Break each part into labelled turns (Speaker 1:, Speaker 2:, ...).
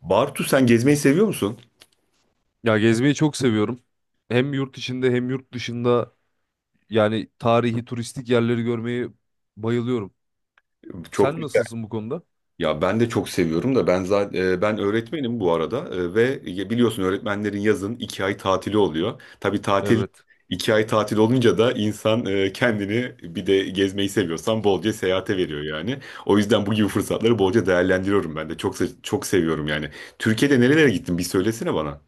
Speaker 1: Bartu, sen gezmeyi seviyor musun?
Speaker 2: Ya gezmeyi çok seviyorum. Hem yurt içinde hem yurt dışında yani tarihi turistik yerleri görmeyi bayılıyorum.
Speaker 1: Çok
Speaker 2: Sen
Speaker 1: güzel.
Speaker 2: nasılsın bu konuda?
Speaker 1: Ya ben de çok seviyorum da ben zaten öğretmenim bu arada, ve ya biliyorsun öğretmenlerin yazın 2 ay tatili oluyor. Tabii tatil
Speaker 2: Evet.
Speaker 1: 2 ay tatil olunca da insan kendini, bir de gezmeyi seviyorsan, bolca seyahate veriyor yani. O yüzden bu gibi fırsatları bolca değerlendiriyorum ben de. Çok çok seviyorum yani. Türkiye'de nerelere gittin? Bir söylesene bana.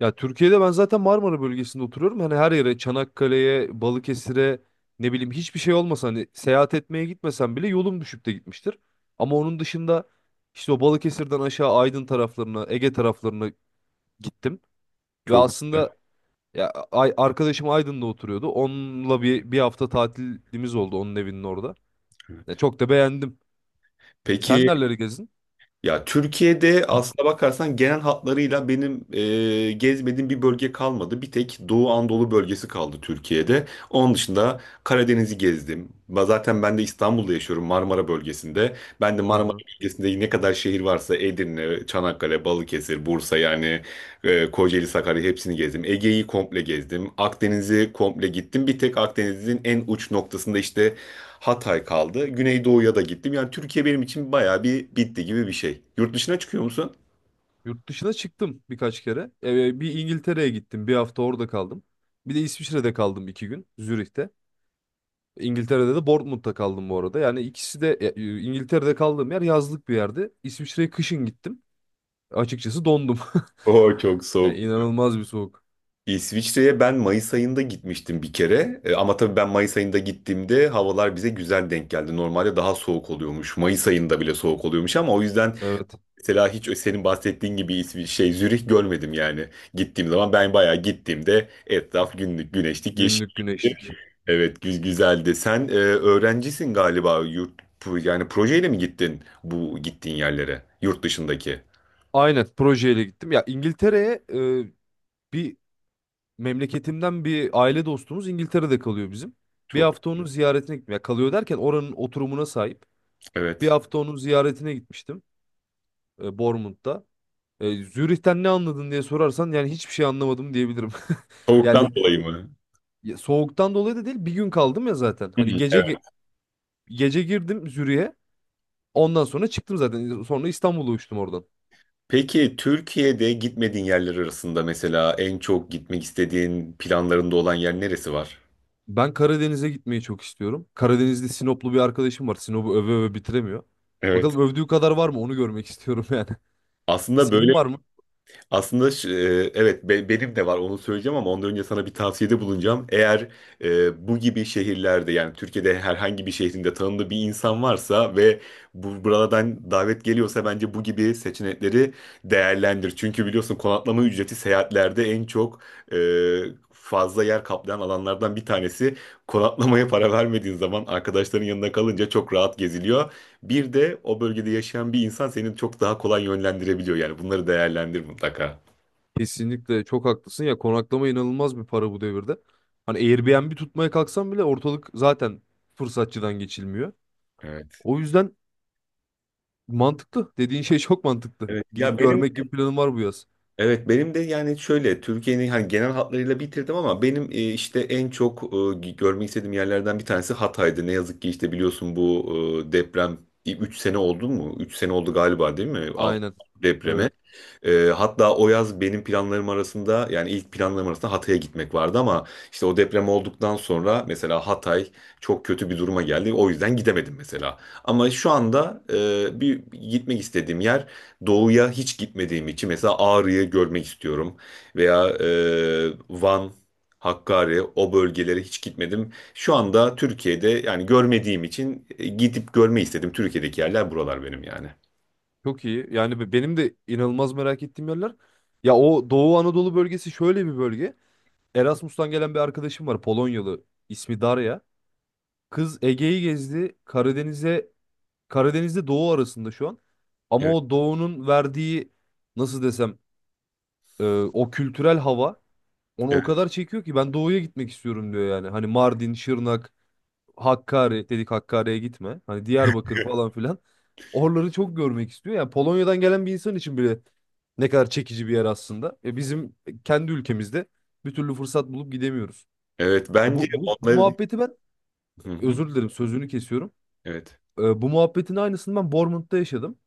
Speaker 2: Ya Türkiye'de ben zaten Marmara bölgesinde oturuyorum. Hani her yere Çanakkale'ye, Balıkesir'e ne bileyim hiçbir şey olmasa hani seyahat etmeye gitmesem bile yolum düşüp de gitmiştir. Ama onun dışında işte o Balıkesir'den aşağı Aydın taraflarına, Ege taraflarına gittim. Ve
Speaker 1: Çok. Evet.
Speaker 2: aslında, ya ay, arkadaşım Aydın'da oturuyordu. Onunla bir hafta tatilimiz oldu onun evinin orada. Ya çok da beğendim. Sen
Speaker 1: Peki.
Speaker 2: nereleri gezdin?
Speaker 1: Ya Türkiye'de aslına bakarsan genel hatlarıyla benim gezmediğim bir bölge kalmadı. Bir tek Doğu Anadolu bölgesi kaldı Türkiye'de. Onun dışında Karadeniz'i gezdim. Zaten ben de İstanbul'da yaşıyorum, Marmara bölgesinde. Ben de
Speaker 2: Hı
Speaker 1: Marmara
Speaker 2: hı.
Speaker 1: bölgesinde ne kadar şehir varsa Edirne, Çanakkale, Balıkesir, Bursa yani Kocaeli, Sakarya, hepsini gezdim. Ege'yi komple gezdim. Akdeniz'i komple gittim. Bir tek Akdeniz'in en uç noktasında işte Hatay kaldı. Güneydoğu'ya da gittim. Yani Türkiye benim için bayağı bir bitti gibi bir şey. Yurt dışına çıkıyor musun?
Speaker 2: Yurt dışına çıktım birkaç kere. Bir İngiltere'ye gittim. Bir hafta orada kaldım. Bir de İsviçre'de kaldım iki gün. Zürih'te. İngiltere'de de Bournemouth'ta kaldım bu arada. Yani ikisi de, İngiltere'de kaldığım yer yazlık bir yerdi. İsviçre'ye kışın gittim. Açıkçası dondum.
Speaker 1: O çok
Speaker 2: Ya
Speaker 1: soğuk.
Speaker 2: inanılmaz bir soğuk.
Speaker 1: İsviçre'ye ben Mayıs ayında gitmiştim bir kere. Ama tabii ben Mayıs ayında gittiğimde havalar bize güzel denk geldi. Normalde daha soğuk oluyormuş. Mayıs ayında bile soğuk oluyormuş ama o yüzden
Speaker 2: Evet.
Speaker 1: mesela hiç senin bahsettiğin gibi bir şey Zürih görmedim yani. Gittiğim zaman ben bayağı, gittiğimde etraf günlük güneşlik, yeşil.
Speaker 2: Günlük güneşlik.
Speaker 1: Evet, güzeldi. Sen öğrencisin galiba, yani projeyle mi gittin bu gittiğin yerlere, yurt dışındaki?
Speaker 2: Aynen projeyle gittim. Ya İngiltere'ye, e, bir memleketimden bir aile dostumuz İngiltere'de kalıyor bizim. Bir
Speaker 1: Çok,
Speaker 2: hafta onun ziyaretine gitmeye kalıyor derken oranın oturumuna sahip. Bir
Speaker 1: evet.
Speaker 2: hafta onun ziyaretine gitmiştim, Bournemouth'ta. Zürih'ten ne anladın diye sorarsan yani hiçbir şey anlamadım diyebilirim.
Speaker 1: Soğuktan
Speaker 2: Yani
Speaker 1: dolayı mı?
Speaker 2: soğuktan dolayı da değil, bir gün kaldım ya zaten.
Speaker 1: Hı,
Speaker 2: Hani
Speaker 1: evet.
Speaker 2: gece girdim Zürih'e. Ondan sonra çıktım zaten. Sonra İstanbul'a uçtum oradan.
Speaker 1: Peki Türkiye'de gitmediğin yerler arasında mesela en çok gitmek istediğin, planlarında olan yer neresi var?
Speaker 2: Ben Karadeniz'e gitmeyi çok istiyorum. Karadeniz'de Sinoplu bir arkadaşım var. Sinop'u öve öve bitiremiyor.
Speaker 1: Evet.
Speaker 2: Bakalım övdüğü kadar var mı, onu görmek istiyorum yani.
Speaker 1: Aslında böyle
Speaker 2: Senin var mı?
Speaker 1: Aslında şu- e, evet be- benim de var, onu söyleyeceğim ama ondan önce sana bir tavsiyede bulunacağım. Eğer bu gibi şehirlerde, yani Türkiye'de herhangi bir şehrinde tanıdığı bir insan varsa ve buralardan davet geliyorsa, bence bu gibi seçenekleri değerlendir. Çünkü biliyorsun konaklama ücreti seyahatlerde en çok, e, fazla yer kaplayan alanlardan bir tanesi. Konaklamaya para vermediğin zaman, arkadaşların yanında kalınca, çok rahat geziliyor. Bir de o bölgede yaşayan bir insan seni çok daha kolay yönlendirebiliyor, yani bunları değerlendir mutlaka.
Speaker 2: Kesinlikle çok haklısın ya, konaklama inanılmaz bir para bu devirde. Hani Airbnb tutmaya kalksam bile ortalık zaten fırsatçıdan geçilmiyor.
Speaker 1: Evet.
Speaker 2: O yüzden mantıklı. Dediğin şey çok mantıklı.
Speaker 1: Evet. Ya
Speaker 2: Gidip
Speaker 1: benim,
Speaker 2: görmek gibi planım var bu yaz.
Speaker 1: evet, benim de yani şöyle, Türkiye'nin hani genel hatlarıyla bitirdim ama benim işte en çok görmek istediğim yerlerden bir tanesi Hatay'dı. Ne yazık ki işte biliyorsun bu deprem, 3 sene oldu mu? 3 sene oldu galiba, değil mi? 6
Speaker 2: Aynen. Evet.
Speaker 1: depremi. Hatta o yaz benim planlarım arasında, yani ilk planlarım arasında Hatay'a gitmek vardı ama işte o deprem olduktan sonra mesela Hatay çok kötü bir duruma geldi. O yüzden gidemedim mesela. Ama şu anda bir gitmek istediğim yer, doğuya hiç gitmediğim için, mesela Ağrı'yı görmek istiyorum veya Van, Hakkari, o bölgelere hiç gitmedim. Şu anda Türkiye'de yani görmediğim için gidip görmeyi istedim. Türkiye'deki yerler, buralar benim yani.
Speaker 2: Çok iyi. Yani benim de inanılmaz merak ettiğim yerler. Ya o Doğu Anadolu bölgesi şöyle bir bölge. Erasmus'tan gelen bir arkadaşım var. Polonyalı. İsmi Darya. Kız Ege'yi gezdi. Karadeniz'de doğu arasında şu an. Ama
Speaker 1: Evet,
Speaker 2: o doğunun verdiği, nasıl desem, e, o kültürel hava onu o
Speaker 1: evet,
Speaker 2: kadar çekiyor ki ben doğuya gitmek istiyorum diyor yani. Hani Mardin, Şırnak, Hakkari dedik, Hakkari'ye gitme. Hani Diyarbakır falan filan. Oraları çok görmek istiyor. Yani Polonya'dan gelen bir insan için bile ne kadar çekici bir yer aslında. Bizim kendi ülkemizde bir türlü fırsat bulup gidemiyoruz.
Speaker 1: evet.
Speaker 2: Ya
Speaker 1: Bence
Speaker 2: bu
Speaker 1: onların
Speaker 2: muhabbeti ben,
Speaker 1: Hı hı.
Speaker 2: özür dilerim sözünü kesiyorum.
Speaker 1: Evet.
Speaker 2: Bu muhabbetin aynısını ben Bournemouth'ta yaşadım.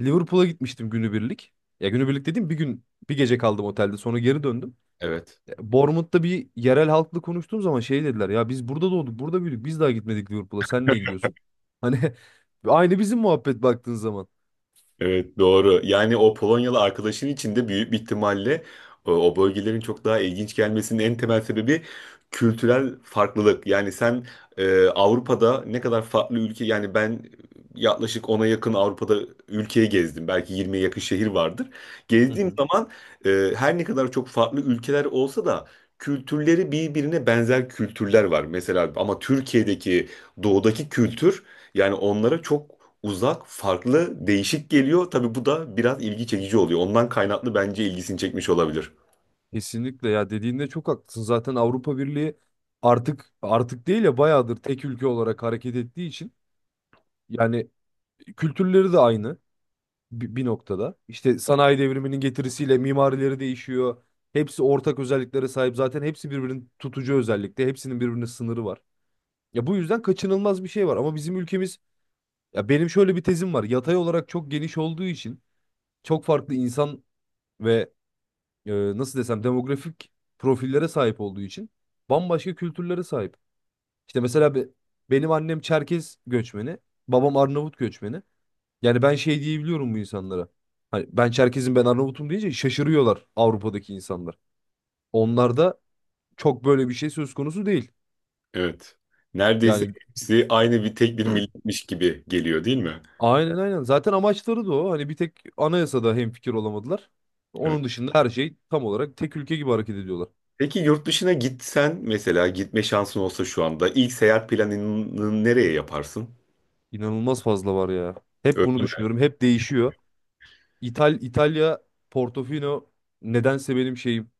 Speaker 2: Liverpool'a gitmiştim günübirlik. Ya günübirlik dediğim, bir gün bir gece kaldım otelde sonra geri döndüm.
Speaker 1: Evet.
Speaker 2: Ya, Bournemouth'ta bir yerel halkla konuştuğum zaman şey dediler: ya biz burada doğduk, burada büyüdük, biz daha gitmedik Liverpool'a, sen niye gidiyorsun? Hani aynı bizim muhabbet baktığın zaman.
Speaker 1: Evet, doğru. Yani o Polonyalı arkadaşın için de büyük bir ihtimalle o bölgelerin çok daha ilginç gelmesinin en temel sebebi kültürel farklılık. Yani sen Avrupa'da ne kadar farklı ülke, yani ben yaklaşık 10'a yakın Avrupa'da ülkeyi gezdim. Belki 20'ye yakın şehir vardır.
Speaker 2: Hı
Speaker 1: Gezdiğim
Speaker 2: hı.
Speaker 1: zaman her ne kadar çok farklı ülkeler olsa da kültürleri birbirine benzer kültürler var. Mesela ama Türkiye'deki doğudaki kültür, yani onlara çok uzak, farklı, değişik geliyor. Tabii bu da biraz ilgi çekici oluyor. Ondan kaynaklı bence ilgisini çekmiş olabilir.
Speaker 2: Kesinlikle ya, dediğinde çok haklısın. Zaten Avrupa Birliği artık değil ya, bayağıdır tek ülke olarak hareket ettiği için yani kültürleri de aynı. Bir noktada. İşte sanayi devriminin getirisiyle mimarileri değişiyor. Hepsi ortak özelliklere sahip. Zaten hepsi birbirinin tutucu özellikte. Hepsinin birbirine sınırı var. Ya bu yüzden kaçınılmaz bir şey var. Ama bizim ülkemiz, ya benim şöyle bir tezim var. Yatay olarak çok geniş olduğu için çok farklı insan ve, e, nasıl desem, demografik profillere sahip olduğu için bambaşka kültürlere sahip. İşte mesela, benim annem Çerkez göçmeni, babam Arnavut göçmeni. Yani ben şey diyebiliyorum bu insanlara. Hani ben Çerkez'im, ben Arnavut'um deyince şaşırıyorlar Avrupa'daki insanlar. Onlarda çok böyle bir şey söz konusu değil.
Speaker 1: Evet. Neredeyse
Speaker 2: Yani
Speaker 1: hepsi aynı, bir tek bir milletmiş gibi geliyor, değil mi?
Speaker 2: aynen aynen. Zaten amaçları da o. Hani bir tek anayasada hemfikir olamadılar.
Speaker 1: Evet.
Speaker 2: Onun dışında her şey tam olarak tek ülke gibi hareket ediyorlar.
Speaker 1: Peki yurt dışına gitsen, mesela gitme şansın olsa, şu anda ilk seyahat planını nereye yaparsın?
Speaker 2: İnanılmaz fazla var ya. Hep
Speaker 1: Öyle
Speaker 2: bunu
Speaker 1: mi?
Speaker 2: düşünüyorum. Hep değişiyor. İtalya, Portofino, nedense benim şeyim,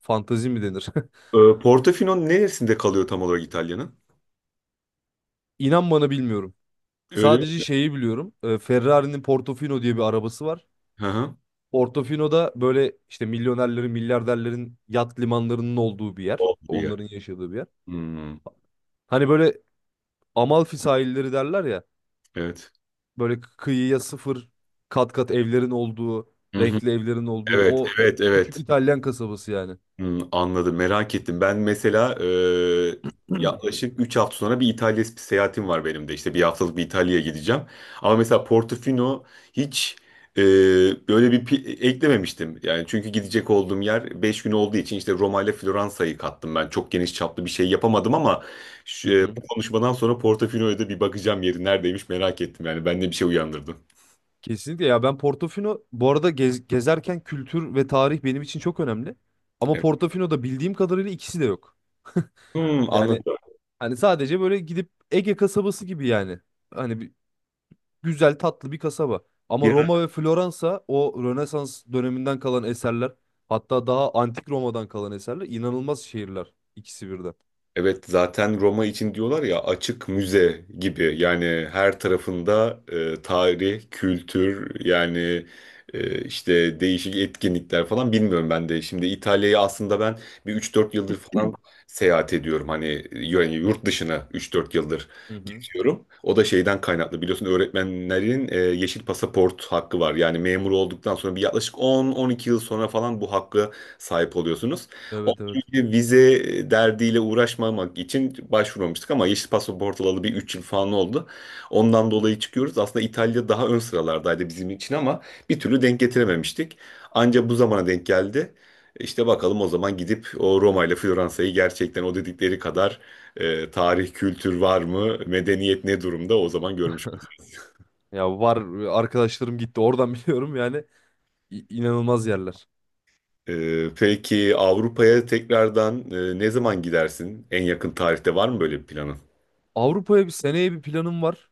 Speaker 2: fantezi mi denir?
Speaker 1: Portofino neresinde kalıyor tam olarak, İtalya'nın?
Speaker 2: İnan bana bilmiyorum.
Speaker 1: Öyle
Speaker 2: Sadece
Speaker 1: mi?
Speaker 2: şeyi biliyorum. Ferrari'nin Portofino diye bir arabası var.
Speaker 1: Hı hı.
Speaker 2: Portofino'da böyle işte milyonerlerin, milyarderlerin yat limanlarının olduğu bir yer.
Speaker 1: Oldu ya.
Speaker 2: Onların yaşadığı bir yer.
Speaker 1: Hmm,
Speaker 2: Hani böyle Amalfi sahilleri derler ya.
Speaker 1: evet.
Speaker 2: Böyle kıyıya sıfır, kat kat evlerin olduğu,
Speaker 1: Hı hı.
Speaker 2: renkli evlerin olduğu
Speaker 1: Evet,
Speaker 2: o
Speaker 1: evet, evet.
Speaker 2: küçük İtalyan kasabası yani.
Speaker 1: Hmm, anladım, merak ettim. Ben mesela yaklaşık 3 hafta sonra bir İtalya seyahatim var benim de. İşte bir haftalık bir İtalya'ya gideceğim. Ama mesela Portofino hiç e, böyle bir eklememiştim. Yani çünkü gidecek olduğum yer 5 gün olduğu için işte Roma ile Floransa'yı kattım ben. Çok geniş çaplı bir şey yapamadım ama
Speaker 2: Hı hı.
Speaker 1: bu konuşmadan sonra Portofino'ya da bir bakacağım, yeri neredeymiş, merak ettim. Yani bende bir şey uyandırdı.
Speaker 2: Kesinlikle ya, ben Portofino bu arada gezerken kültür ve tarih benim için çok önemli. Ama
Speaker 1: Evet.
Speaker 2: Portofino'da bildiğim kadarıyla ikisi de yok.
Speaker 1: Hmm, anladım.
Speaker 2: Yani hani sadece böyle gidip Ege kasabası gibi yani. Hani güzel tatlı bir kasaba. Ama Roma ve Floransa, o Rönesans döneminden kalan eserler, hatta daha antik Roma'dan kalan eserler, inanılmaz şehirler ikisi birden.
Speaker 1: Evet, zaten Roma için diyorlar ya, açık müze gibi, yani her tarafında tarih, kültür, yani işte değişik etkinlikler falan, bilmiyorum ben de. Şimdi İtalya'yı aslında ben bir üç dört yıldır falan seyahat ediyorum hani, yani yurt dışına 3-4 yıldır
Speaker 2: Hı hı.
Speaker 1: geziyorum. O da şeyden kaynaklı, biliyorsun öğretmenlerin yeşil pasaport hakkı var, yani memur olduktan sonra bir yaklaşık on on iki yıl sonra falan bu hakkı sahip oluyorsunuz.
Speaker 2: Evet evet.
Speaker 1: Vize derdiyle uğraşmamak için başvurmamıştık ama yeşil pasaport alalı bir 3 yıl falan oldu. Ondan dolayı çıkıyoruz. Aslında İtalya daha ön sıralardaydı bizim için ama bir türlü denk getirememiştik. Anca bu zamana denk geldi. İşte bakalım o zaman gidip o Roma ile Floransa'yı gerçekten o dedikleri kadar tarih, kültür var mı, medeniyet ne durumda, o zaman görmüş oluruz.
Speaker 2: Ya var, arkadaşlarım gitti oradan biliyorum yani. İnanılmaz yerler.
Speaker 1: Peki Avrupa'ya tekrardan ne zaman gidersin? En yakın tarihte var mı böyle bir planın?
Speaker 2: Avrupa'ya bir seneye bir planım var.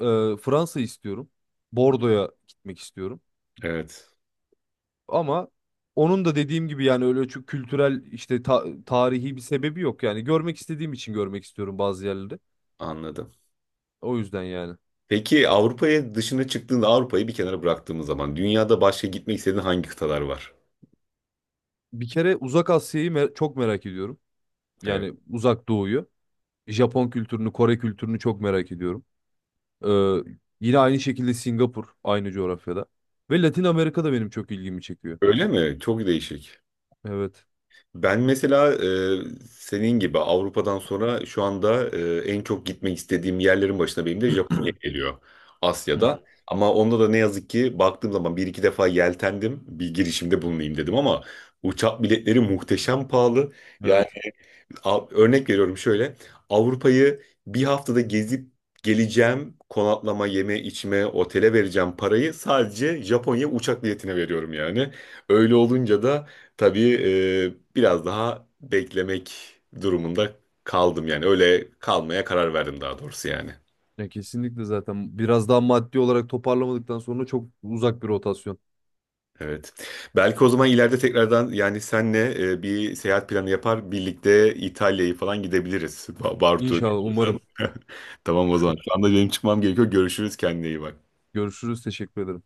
Speaker 2: Fransa istiyorum. Bordo'ya gitmek istiyorum.
Speaker 1: Evet,
Speaker 2: Ama onun da dediğim gibi yani öyle çok kültürel, işte tarihi bir sebebi yok, yani görmek istediğim için görmek istiyorum bazı yerleri.
Speaker 1: anladım.
Speaker 2: O yüzden yani.
Speaker 1: Peki Avrupa'ya dışına çıktığında, Avrupa'yı bir kenara bıraktığımız zaman, dünyada başka gitmek istediğin hangi kıtalar var?
Speaker 2: Bir kere Uzak Asya'yı çok merak ediyorum.
Speaker 1: Evet.
Speaker 2: Yani Uzak Doğu'yu. Japon kültürünü, Kore kültürünü çok merak ediyorum. Ee, Yine aynı şekilde Singapur, aynı coğrafyada. Ve Latin Amerika da benim çok ilgimi çekiyor.
Speaker 1: Öyle mi? Çok değişik.
Speaker 2: Evet.
Speaker 1: Ben mesela senin gibi Avrupa'dan sonra şu anda en çok gitmek istediğim yerlerin başına benim de Japonya geliyor.
Speaker 2: Hı
Speaker 1: Asya'da.
Speaker 2: hı.
Speaker 1: Ama onda da ne yazık ki baktığım zaman bir iki defa yeltendim. Bir girişimde bulunayım dedim ama uçak biletleri muhteşem pahalı. Yani
Speaker 2: Evet.
Speaker 1: Örnek veriyorum şöyle. Avrupa'yı bir haftada gezip geleceğim. Konaklama, yeme, içme, otele vereceğim parayı sadece Japonya uçak biletine veriyorum yani. Öyle olunca da tabii biraz daha beklemek durumunda kaldım yani. Öyle kalmaya karar verdim daha doğrusu yani.
Speaker 2: Ya kesinlikle, zaten biraz daha maddi olarak toparlamadıktan sonra çok uzak bir rotasyon.
Speaker 1: Evet. Belki o zaman ileride tekrardan, yani senle bir seyahat planı yapar, birlikte İtalya'yı falan gidebiliriz. Bartu, ne
Speaker 2: İnşallah,
Speaker 1: diyorsun?
Speaker 2: umarım.
Speaker 1: Tamam o zaman. Şu anda benim çıkmam gerekiyor. Görüşürüz, kendine iyi bak.
Speaker 2: Görüşürüz. Teşekkür ederim.